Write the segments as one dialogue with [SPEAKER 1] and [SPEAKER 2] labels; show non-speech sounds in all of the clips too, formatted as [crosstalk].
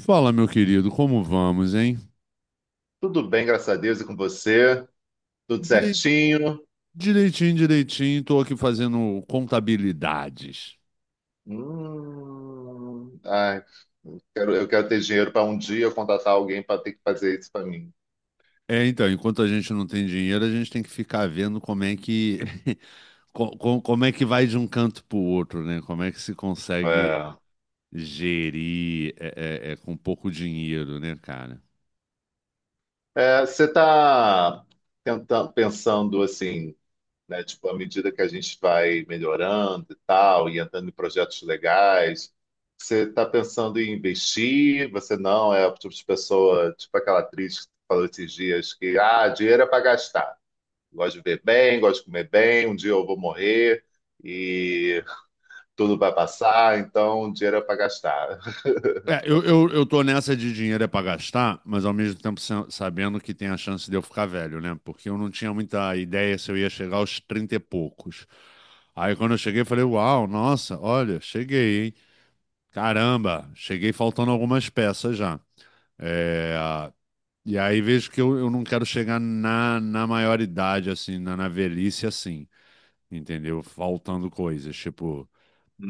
[SPEAKER 1] Fala, meu querido, como vamos, hein?
[SPEAKER 2] Tudo bem, graças a Deus, e com você? Tudo
[SPEAKER 1] Direi-
[SPEAKER 2] certinho?
[SPEAKER 1] Direitinho, direitinho, tô aqui fazendo contabilidades.
[SPEAKER 2] Ai, eu quero ter dinheiro para um dia contratar alguém para ter que fazer isso para mim.
[SPEAKER 1] É, então, enquanto a gente não tem dinheiro, a gente tem que ficar vendo como é que [laughs] como é que vai de um canto para o outro, né? Como é que se consegue
[SPEAKER 2] É.
[SPEAKER 1] gerir com pouco dinheiro, né, cara?
[SPEAKER 2] É, você está pensando assim, né? Tipo, à medida que a gente vai melhorando e tal, e entrando em projetos legais, você está pensando em investir? Você não é o tipo de pessoa, tipo aquela atriz que falou esses dias que, ah, dinheiro é para gastar. Gosto de ver bem, gosto de comer bem. Um dia eu vou morrer e tudo vai passar, então dinheiro é para gastar.
[SPEAKER 1] É, eu tô nessa de dinheiro é pra gastar, mas ao mesmo tempo sabendo que tem a chance de eu ficar velho, né? Porque eu não tinha muita ideia se eu ia chegar aos 30 e poucos. Aí quando eu cheguei, eu falei, uau, nossa, olha, cheguei, hein? Caramba, cheguei faltando algumas peças já. É, e aí vejo que eu não quero chegar na maioridade, assim, na velhice, assim, entendeu? Faltando coisas, tipo...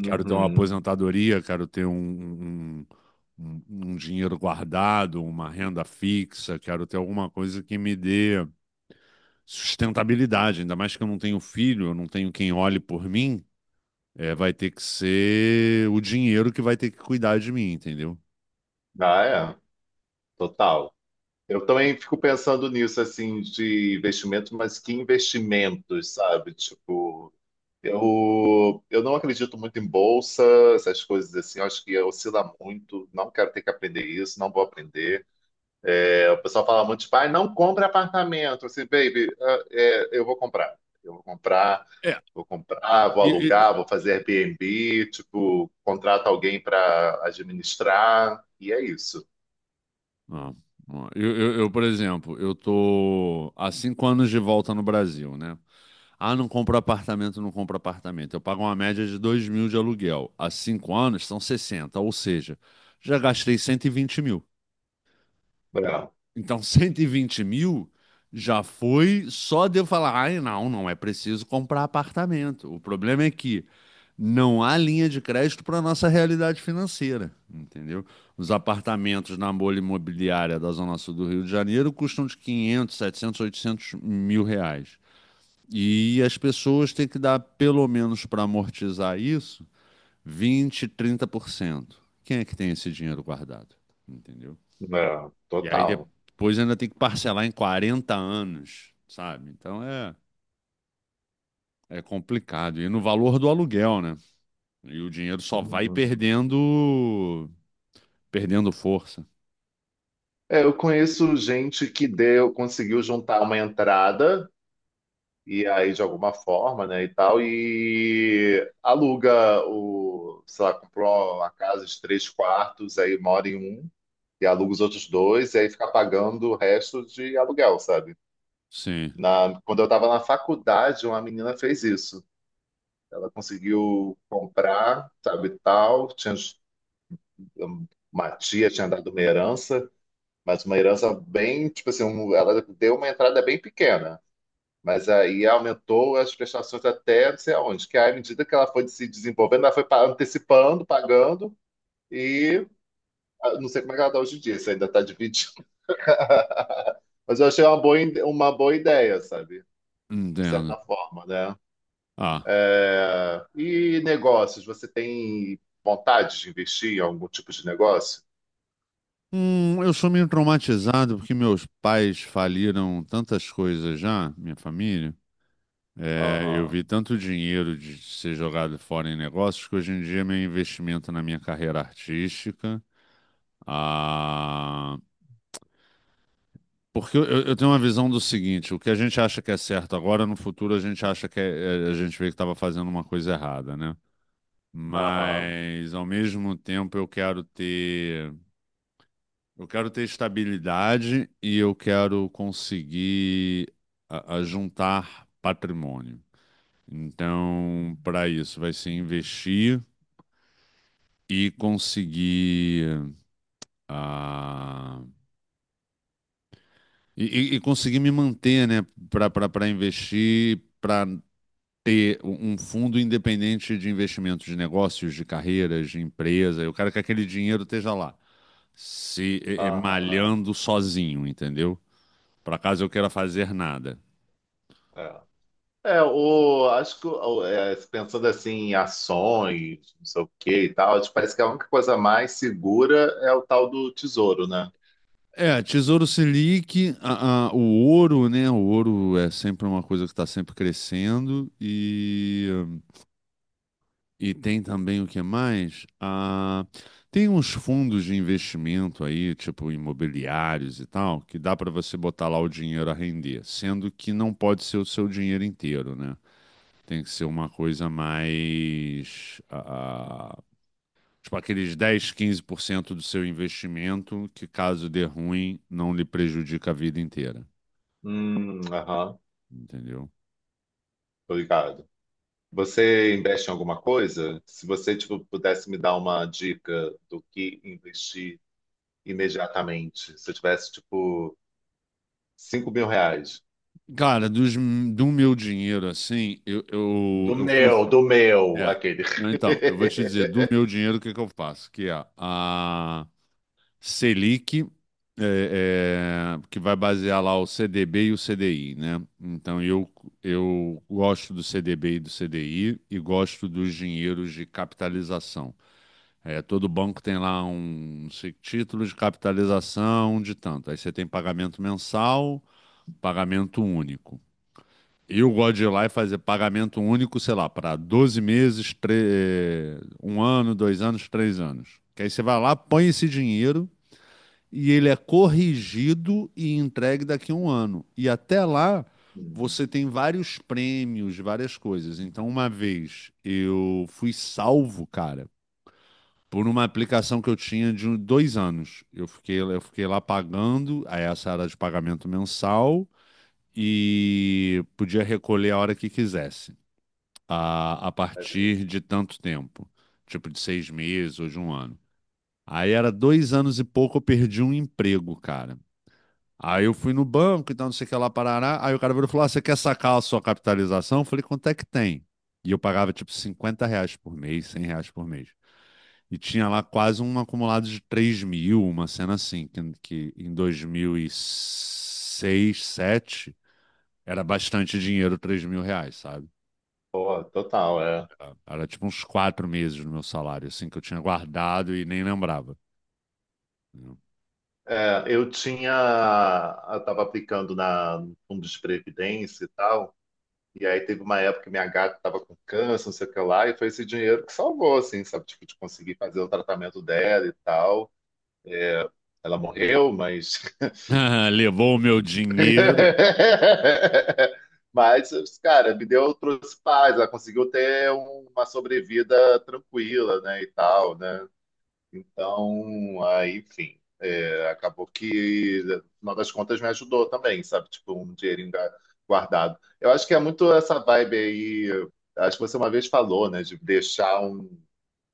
[SPEAKER 1] Quero ter uma
[SPEAKER 2] [laughs]
[SPEAKER 1] aposentadoria, quero ter um, um- um dinheiro guardado, uma renda fixa, quero ter alguma coisa que me dê sustentabilidade. Ainda mais que eu não tenho filho, eu não tenho quem olhe por mim. É, vai ter que ser o dinheiro que vai ter que cuidar de mim, entendeu?
[SPEAKER 2] Ah, é, total. Eu também fico pensando nisso, assim, de investimento, mas que investimentos, sabe? Tipo, eu não acredito muito em bolsa, essas coisas assim, eu acho que oscila muito, não quero ter que aprender isso, não vou aprender. É, o pessoal fala muito, tipo, ah, não compra apartamento. Assim, baby, ah, é, eu vou comprar. Eu vou comprar,
[SPEAKER 1] É,
[SPEAKER 2] vou comprar, vou
[SPEAKER 1] e, e-
[SPEAKER 2] alugar, vou fazer Airbnb, tipo, contrato alguém para administrar, e é isso.
[SPEAKER 1] ah, eu, por exemplo, eu tô há cinco anos de volta no Brasil, né? Ah, não compro apartamento, não compro apartamento. Eu pago uma média de 2 mil de aluguel. Há cinco anos são 60, ou seja, já gastei 120 mil.
[SPEAKER 2] Não,
[SPEAKER 1] Então, [laughs] 120 mil já foi só de eu falar: ai, não, não é preciso comprar apartamento. O problema é que não há linha de crédito para a nossa realidade financeira, entendeu? Os apartamentos na bolha imobiliária da Zona Sul do Rio de Janeiro custam de 500, 700, 800 mil reais. E as pessoas têm que dar, pelo menos para amortizar isso, vinte trinta por cento. Quem é que tem esse dinheiro guardado? Entendeu?
[SPEAKER 2] não,
[SPEAKER 1] E aí
[SPEAKER 2] total.
[SPEAKER 1] depois ainda tem que parcelar em 40 anos, sabe? Então é, é complicado. E no valor do aluguel, né? E o dinheiro só vai
[SPEAKER 2] Uhum.
[SPEAKER 1] perdendo, perdendo força.
[SPEAKER 2] É, eu conheço gente que deu, conseguiu juntar uma entrada, e aí de alguma forma, né, e tal, e aluga o, sei lá, comprou uma casa de três quartos, aí mora em um e aluga os outros dois, e aí fica pagando o resto de aluguel, sabe?
[SPEAKER 1] Sim,
[SPEAKER 2] Na, quando eu estava na faculdade, uma menina fez isso. Ela conseguiu comprar, sabe, tal. Tinha, uma tia tinha dado uma herança, mas uma herança bem, tipo assim, um- ela deu uma entrada bem pequena. Mas aí aumentou as prestações até não sei aonde, que aí, à medida que ela foi se desenvolvendo, ela foi pa- antecipando, pagando, e ah, não sei como é que ela está hoje em dia, se ainda está dividindo. [laughs] Mas eu achei uma boa, ide- uma boa ideia, sabe? De
[SPEAKER 1] entendo.
[SPEAKER 2] certa forma, né?
[SPEAKER 1] Ah.
[SPEAKER 2] É, e negócios, você tem vontade de investir em algum tipo de negócio?
[SPEAKER 1] Eu sou meio traumatizado porque meus pais faliram tantas coisas já, minha família. É, eu
[SPEAKER 2] Aham,
[SPEAKER 1] vi tanto dinheiro de ser jogado fora em negócios que hoje em dia meu investimento na minha carreira artística. Ah, porque eu tenho uma visão do seguinte: o que a gente acha que é certo agora, no futuro a gente acha que a gente vê que estava fazendo uma coisa errada, né?
[SPEAKER 2] aham,
[SPEAKER 1] Mas ao mesmo tempo eu quero ter estabilidade e eu quero conseguir a juntar patrimônio. Então, para isso, vai ser investir e conseguir ah, e conseguir me manter, né, para investir, para ter um fundo independente de investimentos de negócios, de carreiras, de empresa. Eu quero que aquele dinheiro esteja lá, se
[SPEAKER 2] aham.
[SPEAKER 1] malhando sozinho, entendeu? Para caso eu queira fazer nada.
[SPEAKER 2] É, é, o, acho que o- é, pensando assim em ações, não sei o que e tal, acho que parece que a única coisa mais segura é o tal do tesouro, né?
[SPEAKER 1] É, Tesouro Selic, o ouro, né? O ouro é sempre uma coisa que está sempre crescendo. E tem também o que mais? Ah, tem uns fundos de investimento aí, tipo imobiliários e tal, que dá para você botar lá o dinheiro a render, sendo que não pode ser o seu dinheiro inteiro, né? Tem que ser uma coisa mais, ah, tipo aqueles dez quinze por cento do seu investimento, que caso dê ruim, não lhe prejudica a vida inteira,
[SPEAKER 2] Aham,
[SPEAKER 1] entendeu?
[SPEAKER 2] obrigado. Você investe em alguma coisa? Se você, tipo, pudesse me dar uma dica do que investir imediatamente, se eu tivesse, tipo, R$ 5.000.
[SPEAKER 1] Cara, do meu dinheiro, assim,
[SPEAKER 2] Do
[SPEAKER 1] eu fui.
[SPEAKER 2] meu, do meu,
[SPEAKER 1] É.
[SPEAKER 2] aquele. [laughs]
[SPEAKER 1] Então, eu vou te dizer, do meu dinheiro, o que que eu faço? Que é a Selic, que vai basear lá o CDB e o CDI, né? Então, eu gosto do CDB e do CDI e gosto dos dinheiros de capitalização. É, todo banco tem lá um título de capitalização de tanto. Aí você tem pagamento mensal, pagamento único. E eu gosto de ir lá e fazer pagamento único, sei lá, para 12 meses, um ano, dois anos, três anos. Que aí você vai lá, põe esse dinheiro e ele é corrigido e entregue daqui a um ano. E até lá
[SPEAKER 2] Hum,
[SPEAKER 1] você tem vários prêmios, várias coisas. Então, uma vez eu fui salvo, cara, por uma aplicação que eu tinha de dois anos. Eu fiquei lá pagando, aí essa era de pagamento mensal e podia recolher a hora que quisesse a partir de tanto tempo, tipo de seis meses ou de um ano. Aí era dois anos e pouco, eu perdi um emprego, cara. Aí eu fui no banco e tal, não sei o que lá, parará. Aí o cara virou e falou: ah, você quer sacar a sua capitalização? Eu falei: quanto é que tem? E eu pagava tipo 50 reais por mês, 100 reais por mês. E tinha lá quase um acumulado de 3 mil, uma cena assim, que em 2006, sete era bastante dinheiro, 3 mil reais, sabe?
[SPEAKER 2] pô, total, é.
[SPEAKER 1] Era tipo uns quatro meses no meu salário, assim, que eu tinha guardado e nem lembrava.
[SPEAKER 2] É, eu tinha, eu tava aplicando na, no fundo de previdência e tal, e aí teve uma época que minha gata tava com câncer, não sei o que lá, e foi esse dinheiro que salvou, assim, sabe, tipo, de conseguir fazer o tratamento dela e tal. Ela morreu, mas
[SPEAKER 1] [laughs] Levou o meu dinheiro.
[SPEAKER 2] [laughs] mas, cara, me deu, trouxe paz, ela conseguiu ter uma sobrevida tranquila, né, e tal, né? Então, aí, enfim, é, acabou que, no final das contas, me ajudou também, sabe? Tipo, um dinheirinho ga- guardado. Eu acho que é muito essa vibe aí, acho que você uma vez falou, né, de deixar um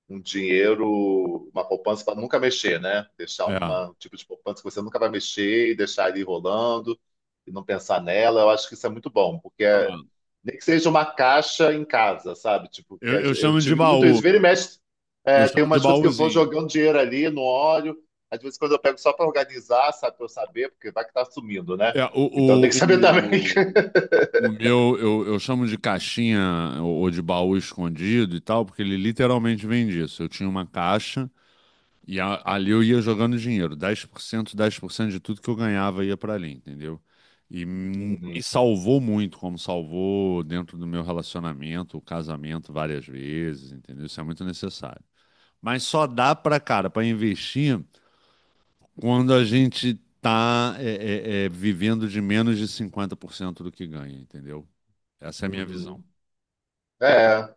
[SPEAKER 2] dinheiro, uma poupança para nunca mexer, né? Deixar
[SPEAKER 1] É.
[SPEAKER 2] uma- um tipo de poupança que você nunca vai mexer e deixar ele rolando e não pensar nela. Eu acho que isso é muito bom, porque é-
[SPEAKER 1] Ah,
[SPEAKER 2] nem que seja uma caixa em casa, sabe? Tipo, que a
[SPEAKER 1] Eu
[SPEAKER 2] gen- eu
[SPEAKER 1] chamo de
[SPEAKER 2] tive muito isso.
[SPEAKER 1] baú.
[SPEAKER 2] Vira e mexe,
[SPEAKER 1] Eu
[SPEAKER 2] é, tem
[SPEAKER 1] chamo de
[SPEAKER 2] umas coisas que eu vou
[SPEAKER 1] baúzinho.
[SPEAKER 2] jogando dinheiro ali, não olho. Às vezes, quando eu pego só para organizar, sabe? Para eu saber, porque vai que tá sumindo, né?
[SPEAKER 1] É,
[SPEAKER 2] Então, tem que saber também. [laughs]
[SPEAKER 1] o meu, eu chamo de caixinha ou de baú escondido e tal, porque ele literalmente vem disso. Eu tinha uma caixa. E ali eu ia jogando dinheiro, dez por cento de tudo que eu ganhava ia para ali, entendeu? E me
[SPEAKER 2] Uhum,
[SPEAKER 1] salvou muito, como salvou dentro do meu relacionamento, o casamento várias vezes, entendeu? Isso é muito necessário. Mas só dá para, cara, para investir quando a gente tá vivendo de menos de 50% do que ganha, entendeu? Essa é a minha
[SPEAKER 2] uhum.
[SPEAKER 1] visão.
[SPEAKER 2] É.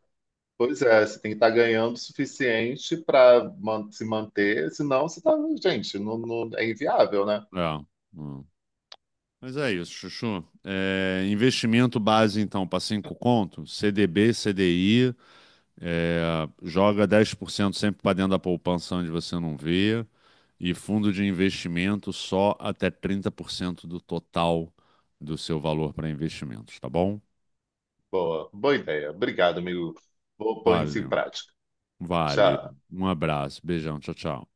[SPEAKER 2] Pois é, você tem que estar ganhando o suficiente para se manter, senão você tá, gente, não, não- é inviável, né?
[SPEAKER 1] É. Hum. Mas é isso, Chuchu. É, investimento base, então, para cinco conto, CDB, CDI. É, joga 10% sempre para dentro da poupança onde você não vê, e fundo de investimento só até 30% do total do seu valor para investimentos, tá bom?
[SPEAKER 2] Boa, boa ideia. Obrigado, amigo. Vou pôr isso em
[SPEAKER 1] Valeu,
[SPEAKER 2] prática.
[SPEAKER 1] valeu.
[SPEAKER 2] Tchau.
[SPEAKER 1] Um abraço, beijão, tchau, tchau.